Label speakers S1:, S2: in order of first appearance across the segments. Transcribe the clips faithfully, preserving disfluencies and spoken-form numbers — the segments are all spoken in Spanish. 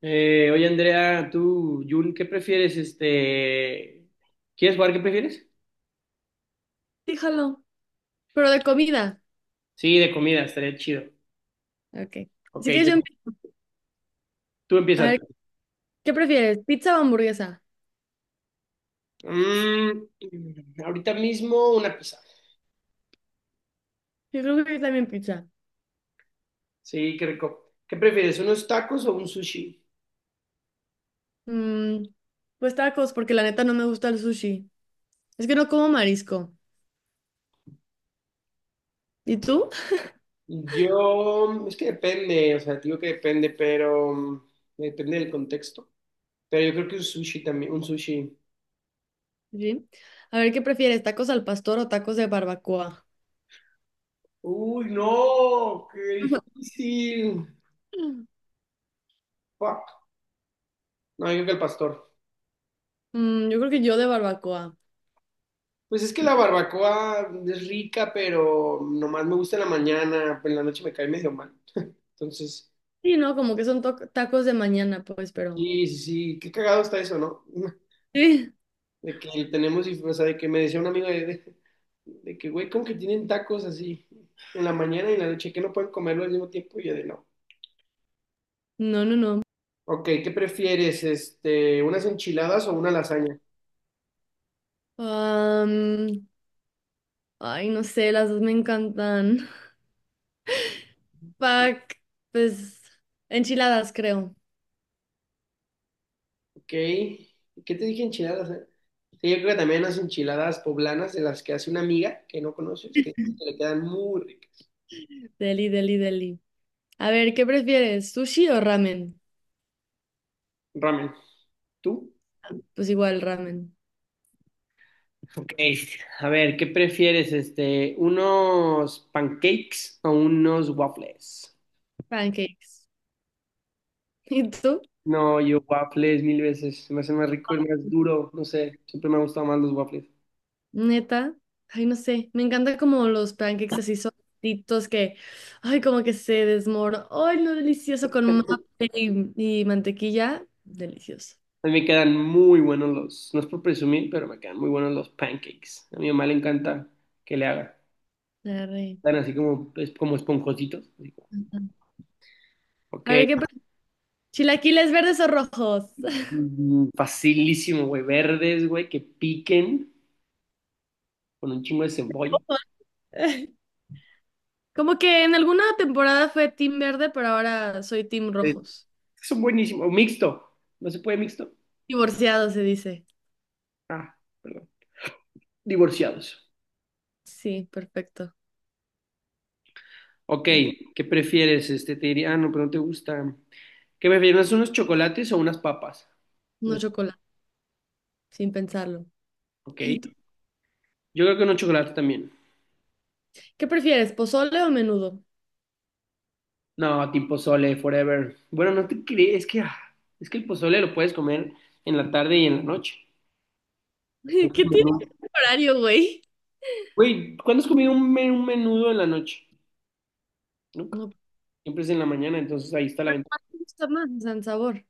S1: Eh, oye, Andrea, tú, Jun, ¿qué prefieres? Este, ¿quieres jugar? ¿Qué prefieres?
S2: Fíjalo, pero de comida.
S1: Sí, de comida, estaría chido.
S2: Ok.
S1: Ok,
S2: Así que
S1: yo-
S2: yo empiezo.
S1: tú
S2: A
S1: empiezas.
S2: ver, ¿qué prefieres? ¿Pizza o hamburguesa?
S1: Mm, ahorita mismo una pizza.
S2: Yo creo que también pizza.
S1: Sí, qué rico. ¿Qué prefieres, unos tacos o un sushi?
S2: Mm, pues tacos, porque la neta no me gusta el sushi. Es que no como marisco. ¿Y tú?
S1: Yo, es que depende, o sea, te digo que depende, pero mm, depende del contexto. Pero yo creo que un sushi también, un sushi.
S2: Sí. A ver, ¿qué prefieres? ¿Tacos al pastor o tacos de barbacoa?
S1: Uy, no, qué difícil. Fuck. No, yo creo que el pastor.
S2: Mm, yo creo que yo de barbacoa.
S1: Pues es que la barbacoa es rica, pero nomás me gusta en la mañana, pero en la noche me cae medio mal. Entonces,
S2: Sí, no, como que son to- tacos de mañana, pues, pero.
S1: sí, sí, sí, qué cagado está eso, ¿no?
S2: Sí.
S1: De que tenemos, dif- o sea, de que me decía un amigo de, de, de que, güey, ¿cómo que tienen tacos así en la mañana y en la noche, que no pueden comerlo al mismo tiempo? Y yo de no.
S2: No, no, no.
S1: Ok, ¿qué prefieres? Este, ¿unas enchiladas o una lasaña?
S2: Am, ay, no sé, las dos me encantan. Pack, pues enchiladas creo.
S1: Ok, ¿qué te dije? ¿Enchiladas, eh? Sí, yo creo que también unas enchiladas poblanas de las que hace una amiga que no conoces, que dice que le quedan muy ricas.
S2: Deli, deli, deli. A ver, ¿qué prefieres? ¿Sushi o ramen?
S1: Ramen. ¿Tú?
S2: Pues igual ramen.
S1: Ok, a ver, ¿qué prefieres, este, unos pancakes o unos waffles?
S2: Pancakes. ¿Y tú?
S1: No, yo waffles mil veces. Se me hace más rico y más duro. No sé, siempre me han gustado más los waffles.
S2: Neta. Ay, no sé. Me encanta como los pancakes así solitos que, ay, como que se desmoron. Ay, lo delicioso con maple y, y mantequilla. Delicioso.
S1: A mí me quedan muy buenos los, no es por presumir, pero me quedan muy buenos los pancakes. A mi mamá le encanta que le haga.
S2: Arre.
S1: Están así como, es como esponjositos. Así como,
S2: Ajá.
S1: ok,
S2: A ver, ¿qué prefieres? ¿Chilaquiles verdes o rojos?
S1: mm, facilísimo, güey. Verdes, güey, que piquen con un chingo de cebolla.
S2: Como que en alguna temporada fue Team Verde, pero ahora soy Team
S1: Eh,
S2: Rojos.
S1: son buenísimos. O mixto. ¿No se puede mixto?
S2: Divorciado se dice.
S1: Ah, perdón. Divorciados.
S2: Sí, perfecto.
S1: Ok, ¿qué prefieres? Este, te diría, ah, no, pero no te gusta. ¿Qué prefieres? ¿Unos chocolates o unas papas?
S2: No
S1: De-
S2: chocolate, sin pensarlo.
S1: Ok.
S2: ¿Y tú?
S1: Yo creo que unos chocolates también.
S2: ¿Qué prefieres, pozole o menudo?
S1: No, tipo pozole, forever. Bueno, no te crees, es que, ah, es que el pozole lo puedes comer en la tarde y en la noche. Es un
S2: ¿Qué tiene que ver
S1: menú.
S2: el horario, güey?
S1: Güey, ¿cuándo has comido un, me- un menudo en la noche? Nunca.
S2: No,
S1: Siempre es en la mañana, entonces ahí está la
S2: pero
S1: ventaja.
S2: ¿cuál te gusta más? O sea, en sabor.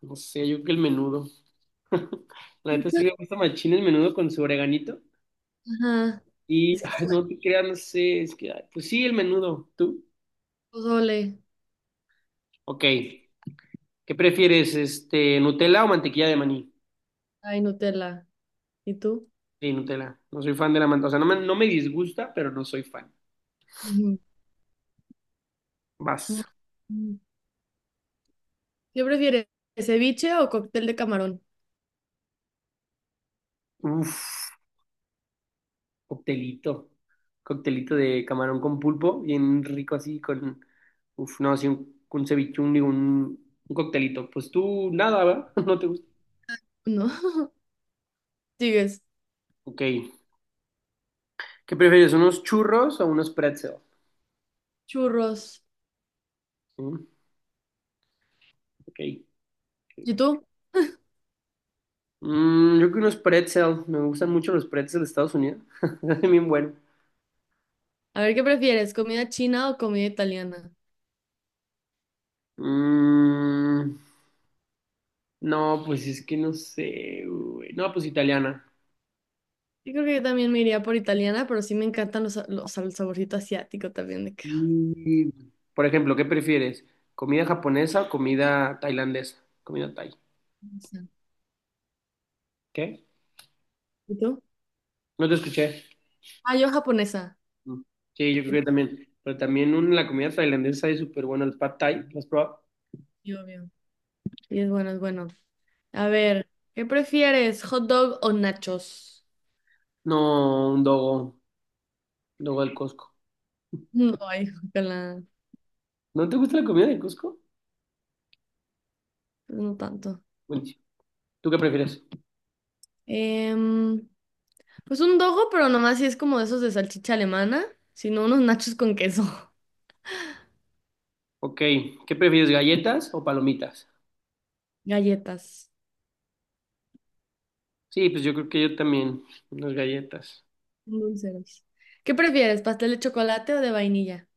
S1: No sé, yo creo que el menudo. La neta sí
S2: Entonces-
S1: me gusta machín el menudo con su sobreganito.
S2: Ajá.
S1: Y,
S2: Es que
S1: ay,
S2: sí,
S1: no te creas, no sé, es que, ay, pues sí, el menudo, ¿tú?
S2: pozole,
S1: Ok, ¿qué prefieres, este, Nutella o mantequilla de maní?
S2: ay, Nutella. ¿Y tú?
S1: Sí, Nutella, no soy fan de la mantequilla, o sea, no me, no me disgusta, pero no soy fan.
S2: Ujú. Mm,
S1: Vas.
S2: mm. ¿Qué prefieres, ceviche o cóctel de camarón?
S1: Uf, coctelito, coctelito de camarón con pulpo, bien rico así, con, uf, no, así un, un cevichón, digo, un, un coctelito. Pues tú, nada, ¿verdad? No te gusta.
S2: No. Sigues.
S1: Ok, ¿qué prefieres, unos churros o unos pretzel?
S2: Churros.
S1: Sí, ok. Ok.
S2: ¿Y tú?
S1: Mm, yo creo que unos pretzel. Me gustan mucho los pretzels de Estados Unidos. Es bien bueno.
S2: A ver, ¿qué prefieres? ¿Comida china o comida italiana?
S1: Mm, no, pues es que no sé, güey. No, pues italiana.
S2: Yo creo que yo también me iría por italiana, pero sí me encantan los, sa- los, o sea, el saborcito asiático también de que.
S1: Y, por ejemplo, ¿qué prefieres? ¿Comida japonesa o comida tailandesa? Comida thai.
S2: No sé.
S1: ¿Qué?
S2: ¿Y tú?
S1: No te escuché.
S2: Ah, yo japonesa.
S1: Mm. Sí, yo creo
S2: Sí,
S1: que también. Pero también un- la comida tailandesa es súper buena. El pad thai, ¿lo has probado?
S2: obvio. Y es bueno, es bueno. A ver, ¿qué prefieres? ¿Hot dog o nachos?
S1: No, un dogo. Dogo del Costco.
S2: No, ay, ojalá.
S1: ¿No te gusta la comida del Costco?
S2: Pues no tanto.
S1: Buenísimo. ¿Tú qué prefieres?
S2: Em, pues un dogo, pero nomás si es como de esos de salchicha alemana, sino unos nachos con queso.
S1: Ok, ¿qué prefieres, galletas o palomitas?
S2: Galletas.
S1: Sí, pues yo creo que yo también, unas galletas.
S2: Dulceros. ¿Qué prefieres? ¿Pastel de chocolate o de vainilla?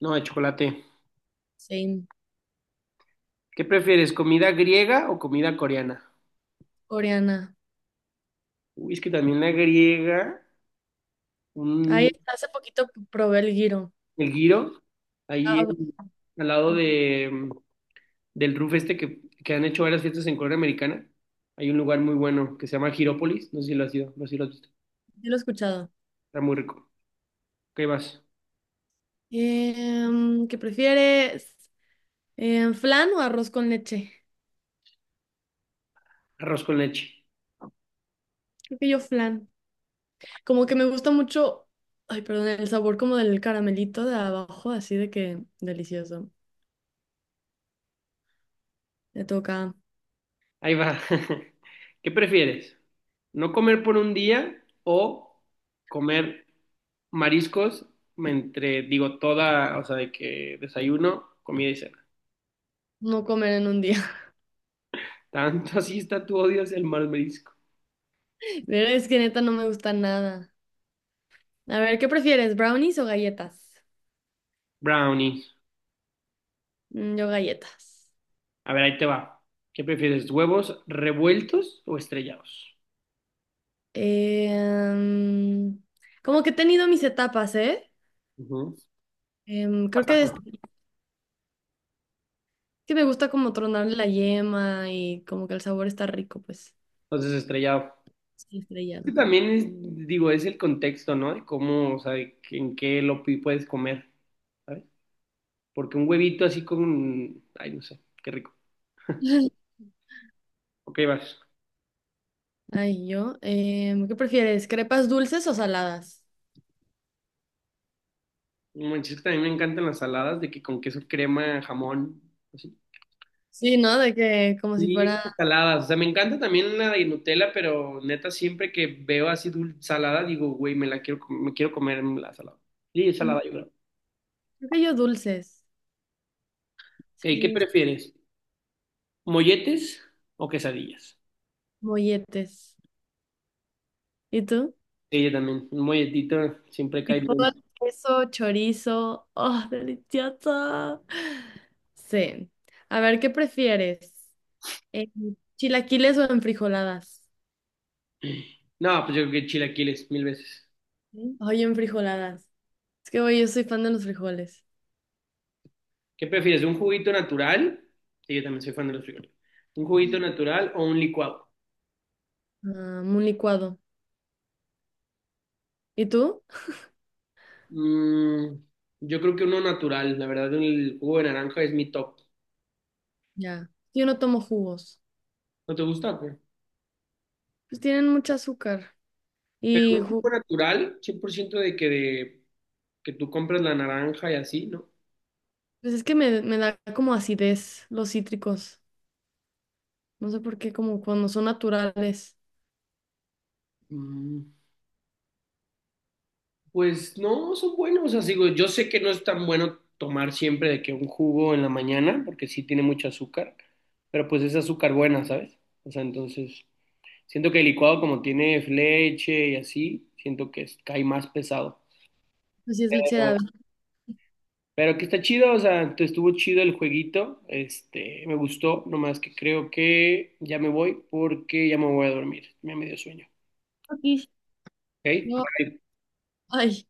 S1: No, de chocolate.
S2: Sí,
S1: ¿Qué prefieres, comida griega o comida coreana?
S2: coreana.
S1: Uy, es que también la griega,
S2: Ahí
S1: un,
S2: hace poquito probé el giro.
S1: el giro, ahí
S2: Ah, bueno,
S1: en- al lado de, del roof este que, que han hecho varias fiestas en Corea Americana, hay un lugar muy bueno que se llama Girópolis, no sé si lo has ido, no sé si lo has visto,
S2: sí lo he escuchado.
S1: está muy rico. ¿Qué vas?
S2: Em, ¿qué prefieres? Em, ¿flan o arroz con leche?
S1: Arroz con leche.
S2: Creo que yo flan. Como que me gusta mucho, ay, perdón, el sabor como del caramelito de abajo, así de que delicioso. Me toca
S1: Ahí va. ¿Qué prefieres? ¿No comer por un día o comer mariscos entre, digo, toda, o sea, de que desayuno, comida y cena?
S2: no comer en un día.
S1: Tanto así está tu odio hacia el mal marisco.
S2: Pero es que neta no me gusta nada. A ver, ¿qué prefieres? ¿Brownies o galletas?
S1: Brownies.
S2: Mm, yo galletas.
S1: A ver, ahí te va. ¿Qué prefieres? ¿Huevos revueltos o estrellados?
S2: Em, como que he tenido mis etapas, ¿eh?
S1: Ujú.
S2: Em, creo que es que me gusta como tronarle la yema y como que el sabor está rico, pues.
S1: Entonces, estrellado.
S2: Sí,
S1: Que
S2: estrellado.
S1: también es, digo, es el contexto, ¿no? De cómo, o sea, de que- en qué lo pi- puedes comer. Porque un huevito así con, ay, no sé, qué rico. Ok, vas.
S2: Ay, yo. em, ¿qué prefieres? ¿Crepas dulces o saladas?
S1: No manches, que también me encantan las saladas de que con queso crema, jamón, así.
S2: Sí, ¿no? De que como si
S1: Y yo creo
S2: fuera.
S1: que saladas, o sea, me encanta también la de Nutella, pero neta, siempre que veo así dul- salada, digo, güey, me la quiero, com- me quiero comer la salada. Sí,
S2: mm,
S1: salada, yo creo.
S2: Creo que yo dulces.
S1: Ok, ¿qué
S2: Sí,
S1: prefieres? ¿Molletes o quesadillas?
S2: molletes. ¿Y tú?
S1: Sí, yo también, un molletito siempre cae bien.
S2: Frijol, queso, chorizo. ¡Oh, deliciosa! Sí. A ver, ¿qué prefieres? Eh, ¿chilaquiles o enfrijoladas?
S1: No, pues yo creo que chilaquiles, mil veces.
S2: ¿Sí? Ay, enfrijoladas. Es que, güey, yo soy fan de los frijoles.
S1: ¿Qué prefieres? ¿Un juguito natural? Sí, yo también soy fan de los frijoles. ¿Un juguito natural o un licuado?
S2: Ah, un licuado. ¿Y tú?
S1: Mm, yo creo que uno natural. La verdad, el jugo de naranja es mi top.
S2: Ya. Yo no tomo jugos.
S1: ¿No te gusta o qué?
S2: Pues tienen mucho azúcar.
S1: Pero
S2: Y
S1: un
S2: ju-
S1: jugo natural, cien por ciento, de que, de que tú compras la naranja y así, ¿no?
S2: pues es que me, me da como acidez los cítricos. No sé por qué, como cuando son naturales.
S1: Mm, pues no, son buenos. O sea, digo, yo sé que no es tan bueno tomar siempre de que un jugo en la mañana, porque sí tiene mucho azúcar, pero pues es azúcar buena, ¿sabes? O sea, entonces, siento que el licuado como tiene leche y así, siento que es- cae más pesado.
S2: Pues sí es leche de ave.
S1: Pero que está chido, o sea, te estuvo chido el jueguito, este, me gustó, nomás que creo que ya me voy porque ya me voy a dormir, ya me dio sueño,
S2: Aquí. No,
S1: ¿ok?
S2: ay,